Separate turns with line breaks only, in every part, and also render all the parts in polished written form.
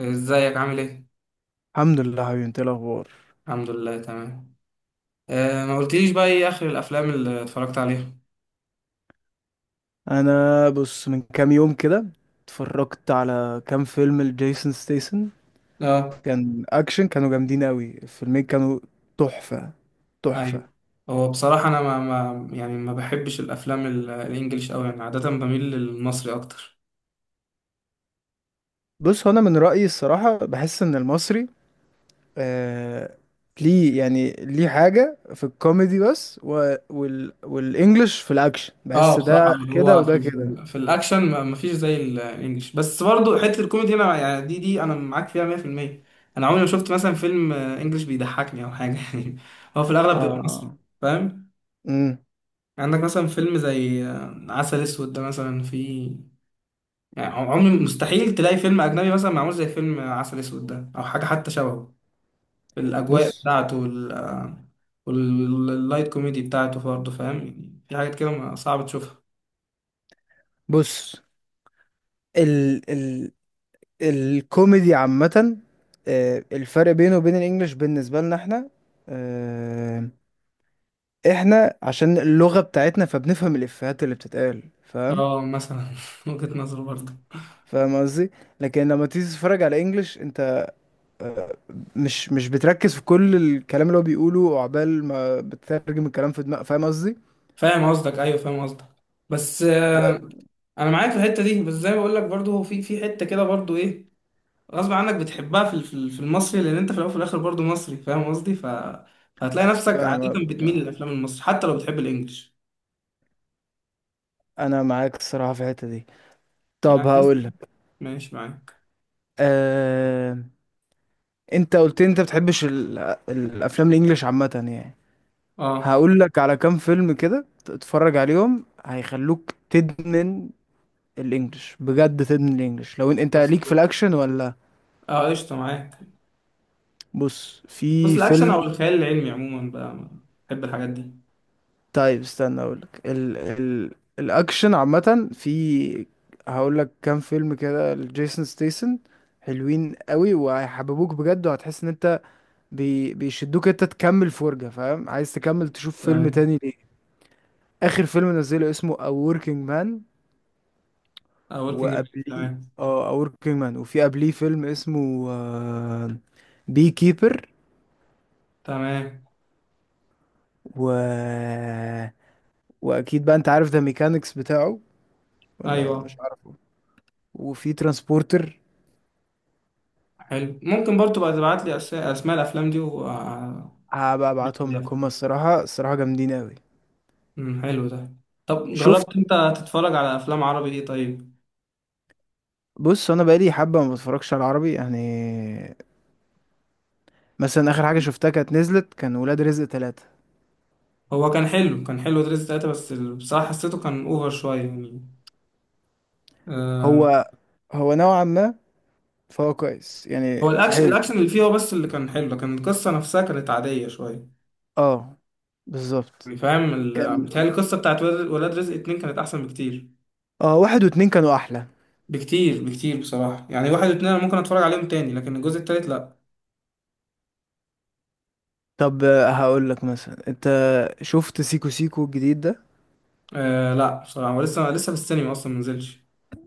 ازيك عامل ايه؟
الحمد لله حبيبي، انت ايه الاخبار؟
الحمد لله تمام. آه، ما قلتليش بقى ايه اخر الافلام اللي اتفرجت عليها؟
انا بص، من كام يوم كده اتفرجت على كام فيلم لجيسون ستيسن.
اه.
كان اكشن، كانوا جامدين قوي. الفيلمين كانوا تحفة تحفة.
ايوه. هو بصراحة انا ما يعني ما بحبش الافلام الانجليش قوي، يعني عادة بميل للمصري اكتر.
بص، هو انا من رأيي الصراحة بحس ان المصري آه ليه يعني، ليه حاجة في الكوميدي بس، و والانجليش في الاكشن.
اه
بحس
بصراحة،
ده
اللي
كده
هو
وده
في,
كده.
في, في الاكشن ما فيش زي الانجليش، بس برضو حتة الكوميدي هنا يعني دي انا معاك فيها 100%. انا عمري ما شفت مثلا فيلم انجليش بيضحكني او حاجة يعني. هو في الاغلب بيبقى مصري،
اه
فاهم؟
امم
عندك مثلا فيلم زي عسل اسود ده مثلا فيه، يعني عمري مستحيل تلاقي فيلم أجنبي مثلا معمول زي فيلم عسل أسود ده أو حاجة حتى شبهه، في الأجواء
بص.
بتاعته واللايت كوميدي بتاعته برضه، فاهم؟ يعني في حاجات كده صعب تشوفها.
بص ال ال الكوميدي عامة، آه، الفرق بينه وبين الانجليش بالنسبة لنا احنا، آه، احنا عشان اللغة بتاعتنا فبنفهم الافيهات اللي بتتقال. فاهم؟
اه مثلا وجهة نظر برضه.
فاهم قصدي. لكن لما تيجي تتفرج على انجليش، انت مش بتركز في كل الكلام اللي هو بيقوله، وعقبال ما بتترجم الكلام في دماغك. فاهم قصدي؟
فاهم قصدك، ايوه فاهم قصدك. بس
ب-
انا معاك في الحته دي، بس زي ما بقول لك برضه في حته كده برضه ايه، غصب عنك بتحبها في المصري، لان انت في الاول وفي الاخر برضه مصري، فاهم قصدي؟ فهتلاقي نفسك
فاهم
عاده
قصدك.
بتميل
آه،
للافلام المصري حتى لو بتحب الانجليش،
انا معاك الصراحة في الحتة دي. طب
يعني.
هقول لك.
ماشي معاك.
أه... انت قلت لي انت بتحبش الافلام الانجليش عامة يعني.
اه
هقول لك على كام فيلم كده، تتفرج عليهم هيخلوك تدمن الانجليش. بجد تدمن الانجليش لو انت
فاست
ليك في
فود.
الاكشن ولا.
اه قشطة معاك.
بص،
بص
في
الأكشن
فيلم.
أو الخيال العلمي عموما بقى بحب الحاجات دي.
طيب استنى اقول لك الاكشن عامه. في، هقول لك كام فيلم كده لجيسون ستيسن حلوين قوي، وهيحببوك بجد، وهتحس ان انت بيشدوك انت تكمل فرجة. فاهم؟ عايز تكمل تشوف فيلم
تمام.
تاني ليه. اخر فيلم نزله اسمه A Working Man.
اه وركينج بليك
وقبليه،
تمام.
اه، وركينج مان، وفي قبليه فيلم اسمه بي كيبر.
تمام.
و واكيد بقى انت عارف ده، ميكانيكس بتاعه، ولا مش
أيوه.
عارفه. وفي ترانسبورتر.
حلو، ممكن برضو بقى تبعت لي أسماء الأفلام دي و آه،
هبقى ابعتهم لك، هما الصراحه جامدين قوي.
حلو ده. طب
شفت؟
جربت أنت تتفرج على أفلام عربي إيه طيب؟
بص، انا بقالي حبه ما بتفرجش على العربي يعني. مثلا اخر حاجه شفتها كانت نزلت كان ولاد رزق ثلاثة.
هو كان حلو، كان حلو دريس تلاتة، بس بصراحة حسيته كان أوفر شوية يعني. آه.
هو هو نوعا ما، فهو كويس
هو
يعني،
الأكشن،
حلو.
الأكشن اللي فيه هو بس اللي كان حلو، لكن القصة نفسها كانت عادية شوية.
اه، بالظبط.
فاهم
كان،
بتهيألي القصة بتاعت ولاد رزق اتنين كانت أحسن بكتير.
اه، واحد واتنين كانوا احلى.
بكتير بكتير بصراحة، يعني واحد واتنين أنا ممكن أتفرج عليهم تاني، لكن الجزء التالت لأ.
طب آه، هقول لك مثلا، انت شفت سيكو سيكو الجديد ده؟
آه لأ بصراحة، هو لسه لسه في السينما أصلا منزلش.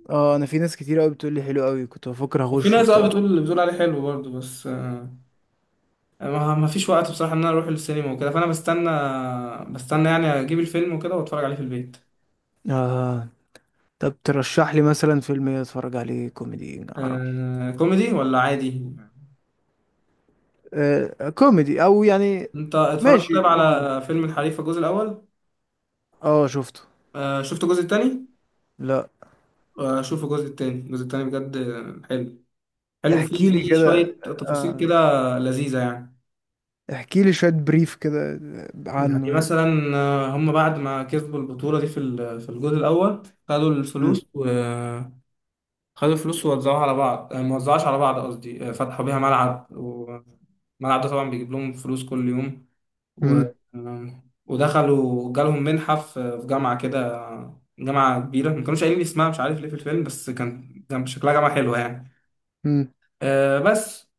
اه، انا في ناس كتير قوي بتقول لي حلو قوي، كنت بفكر
وفي
اخش
ناس
وبتاع.
بتقول عليه حلو برضه، بس ما فيش وقت بصراحة إن أنا أروح للسينما وكده، فأنا بستنى، بستنى يعني أجيب الفيلم وكده وأتفرج عليه في البيت.
اه. طب ترشح لي مثلا فيلم إيه اتفرج عليه كوميدي عربي؟
آه كوميدي ولا عادي؟
آه كوميدي او يعني.
أنت اتفرجت طيب
ماشي قول لي.
على فيلم الحريفة الجزء الأول؟
اه، شفته.
آه شفت الجزء التاني؟
لا.
آه شوف الجزء التاني، الجزء التاني بجد حلو. حلو، في
احكي لي
في
كده.
شوية تفاصيل كده
آه
لذيذة يعني.
احكي لي شوية بريف كده
يعني
عنه يعني.
مثلا هم بعد ما كسبوا البطولة دي في الجول الأول، خدوا
مم.
الفلوس وخدوا الفلوس ووزعوها على بعض. ما وزعوهاش على بعض قصدي، فتحوا بيها ملعب، والملعب ده طبعا بيجيب لهم فلوس كل يوم و...
مم.
آه، ودخلوا جالهم منحة في جامعة كده، جامعة كبيرة ما كانوش قايلين لي اسمها مش عارف ليه في الفيلم، بس كان كان شكلها جامعة حلوة يعني.
مم.
آه، بس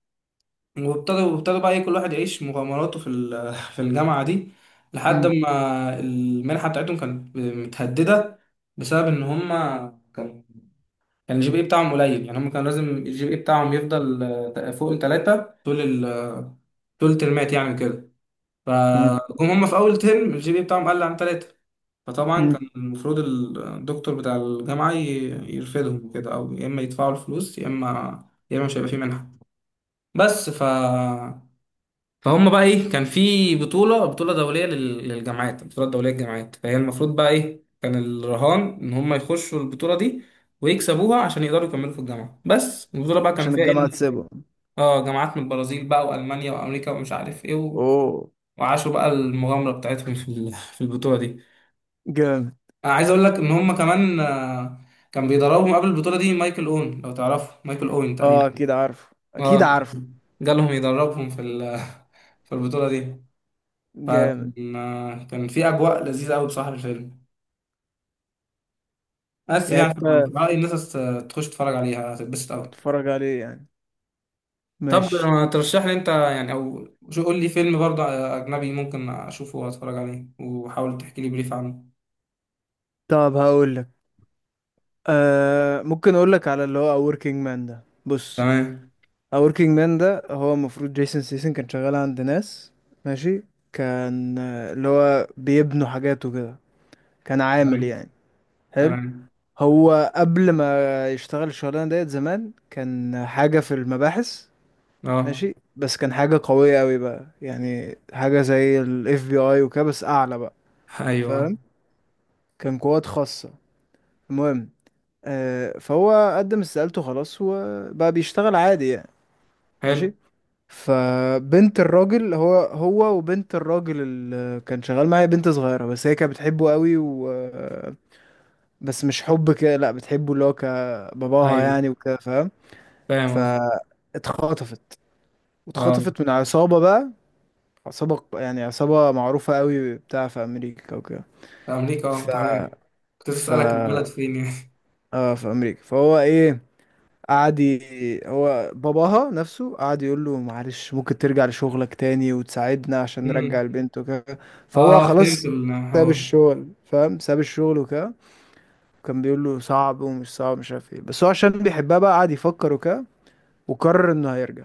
وابتدوا بقى ايه كل واحد يعيش مغامراته في الجامعه دي، لحد
مم.
ما المنحه بتاعتهم كانت متهدده بسبب ان هم كان كان الجي بي اي بتاعهم قليل. يعني هم كان لازم الجي بي اي بتاعهم يفضل فوق الثلاثه طول طول الترمات يعني كده.
مم.
فجم هم في اول ترم الجي بي اي بتاعهم قل عن ثلاثه. فطبعا
مم.
كان المفروض الدكتور بتاع الجامعه يرفدهم كده، او يا اما يدفعوا الفلوس يا اما، يا اما مش هيبقى في منحه. بس فهم بقى ايه كان في بطولة دولية للجامعات، البطولة الدولية للجامعات. فهي المفروض بقى ايه، كان الرهان ان هم يخشوا البطولة دي ويكسبوها عشان يقدروا يكملوا في الجامعة. بس البطولة بقى كان
عشان
فيها ايه
الجامعة تسيبه.
جامعات من البرازيل بقى والمانيا وامريكا ومش عارف ايه
اوه.
وعاشوا بقى المغامرة بتاعتهم في البطولة دي.
جامد.
انا عايز اقول لك ان هم كمان كان بيدربهم قبل البطولة دي مايكل اون، لو تعرفه مايكل اون
اه
تقريبا.
اكيد عارف، اكيد
اه
عارف.
كان جالهم يدربهم في البطولة دي.
جامد.
فكان آه، كان في أجواء لذيذة أوي بصراحة في الفيلم، بس
يعني
يعني في
انت،
رأيي الناس تخش تتفرج عليها هتتبسط أوي.
هتتفرج عليه يعني.
طب
ماشي.
ما ترشح لي أنت يعني أو شو، قول لي فيلم برضه أجنبي ممكن أشوفه وأتفرج عليه، وحاول تحكي لي بريف عنه.
طب هقول لك. آه ممكن اقول لك على اللي هو A Working Man ده. بص،
تمام.
A Working Man ده هو المفروض جيسون سيسن كان شغال عند ناس. ماشي. كان آه، اللي هو بيبنوا حاجاته كده. كان عامل
تمام.
يعني. حلو.
تمام.
هو قبل ما يشتغل الشغلانة ديت، زمان كان حاجة في المباحث.
أه.
ماشي. بس كان حاجة قوية قوي بقى، يعني حاجة زي ال FBI وكده، بس أعلى بقى.
أيوه
فاهم؟ كان قوات خاصة. المهم آه، فهو قدم استقالته خلاص، وبقى بيشتغل عادي يعني.
حلو.
ماشي. فبنت الراجل، هو وبنت الراجل اللي كان شغال معايا، بنت صغيرة بس هي كانت بتحبه قوي، و بس مش حب كده لأ، بتحبه اللي هو كباباها
أيوه
يعني، وكده. فاهم؟
فاهم قصدي.
فاتخطفت.
أه.
واتخطفت من عصابة بقى. عصابة يعني عصابة معروفة قوي بتاع في أمريكا وكده.
في أمريكا أه
ف
تمام. كنت
ف
أسألك البلد فين يعني
اه، في أمريكا. فهو إيه، هو باباها نفسه قعد يقول له معلش، ممكن ترجع لشغلك تاني وتساعدنا عشان
أمم.
نرجع البنت وكده. فهو
أه فهمت
خلاص ساب
الحوار.
الشغل. فاهم؟ ساب الشغل وكده. وكان بيقول له صعب ومش صعب، مش عارف ايه، بس هو عشان بيحبها بقى قعد يفكر وكده، وقرر انه هيرجع.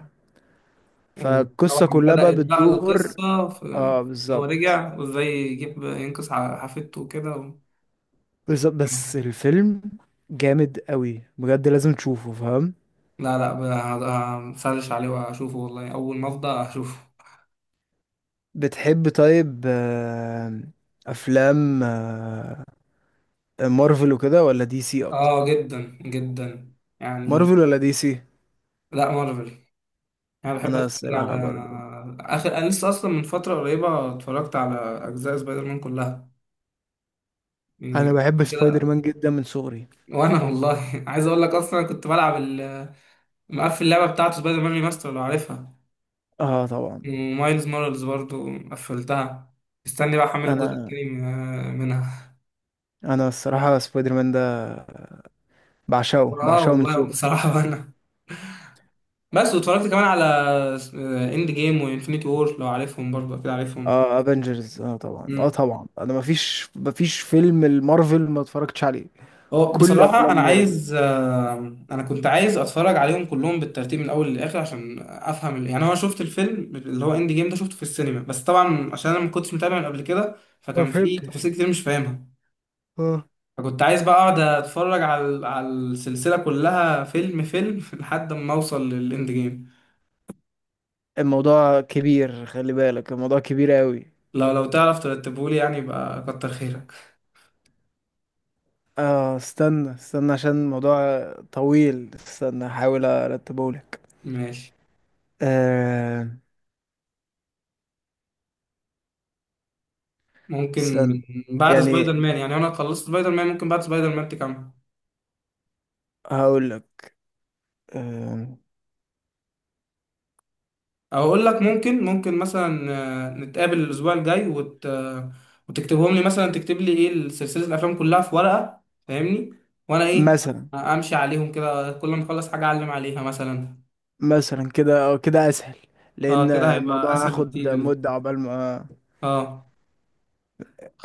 وطبعا
فالقصة كلها بقى
بدأت بقى
بتدور.
القصة في
اه
إن هو
بالظبط.
رجع، وإزاي يجيب ينقذ حفيدته وكده
بس الفيلم جامد قوي بجد، لازم تشوفه. فاهم؟
لا لا، هسرش عليه وأشوفه، والله أول ما أفضى أشوفه.
بتحب طيب آه، افلام آه، مارفل وكده ولا دي سي
آه
اكتر؟
جدا جدا يعني.
مارفل ولا دي سي؟
لا مارفل. أنا بحب
انا
أتفرج على
الصراحة برضو،
آخر، أنا لسه أصلا من فترة قريبة اتفرجت على أجزاء سبايدر مان كلها،
انا
يعني
بحب سبايدر
كده.
مان جدا من صغري.
وأنا والله عايز أقول لك أصلا كنت بلعب مقفل اللعبة بتاعته سبايدر مان ريماستر، لو عارفها.
اه طبعا.
ومايلز مورالز برضو قفلتها. استني بقى احمل الجزء
انا
التاني منها.
انا الصراحة سبايدر مان ده بعشقه
اه
بعشقه من
والله
صغري.
بصراحة وانا، بس واتفرجت كمان على اند جيم وانفينيتي وور، لو عارفهم برضو اكيد عارفهم.
اه افنجرز، اه طبعا، اه
امم
طبعا. انا مفيش فيلم المارفل ما اتفرجتش عليه.
هو
كل
بصراحة
افلام
أنا
مارفل.
عايز أنا كنت عايز أتفرج عليهم كلهم بالترتيب من الأول للآخر عشان أفهم يعني أنا شفت الفيلم اللي هو إند جيم ده شفته في السينما، بس طبعا عشان أنا ما كنتش متابع من قبل كده،
ما
فكان في
فهمتش.
تفاصيل كتير مش فاهمها.
اه.
فكنت عايز بقى اقعد اتفرج على السلسله كلها فيلم فيلم لحد ما اوصل للاند جيم.
الموضوع كبير، خلي بالك، الموضوع كبير قوي.
لو تعرف ترتبهولي، يعني يبقى كتر خيرك.
اه استنى، عشان الموضوع طويل. استنى هحاول ارتبه لك.
ماشي.
آه
ممكن
استنى،
من بعد سبايدر
يعني
مان يعني، انا خلصت سبايدر مان ممكن بعد سبايدر مان تكمل.
هقول لك آه
او اقول لك ممكن مثلا نتقابل الاسبوع الجاي وت... آه، وتكتبهم لي، مثلا تكتب لي ايه سلسله الافلام كلها في ورقه، فاهمني؟ وانا ايه،
مثلا،
امشي عليهم كده كل ما اخلص حاجه اعلم عليها مثلا.
مثلا كده او كده اسهل،
اه
لان
كده هيبقى
الموضوع
اسهل بكتير
هاخد
بالنسبه
مدة
لي.
عقبال ما.
اه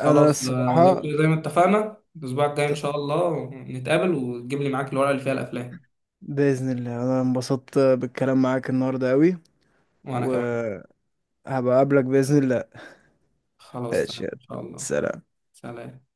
انا
لو
الصراحة،
كده زي ما اتفقنا، الأسبوع الجاي إن شاء الله نتقابل وتجيب لي معاك الورقة اللي فيها الأفلام.
بإذن الله انا انبسطت بالكلام معاك النهاردة قوي.
وأنا كمان.
وهبقى اقابلك بإذن الله.
خلاص تمام
ماشي يلا.
إن شاء الله.
سلام.
سلام.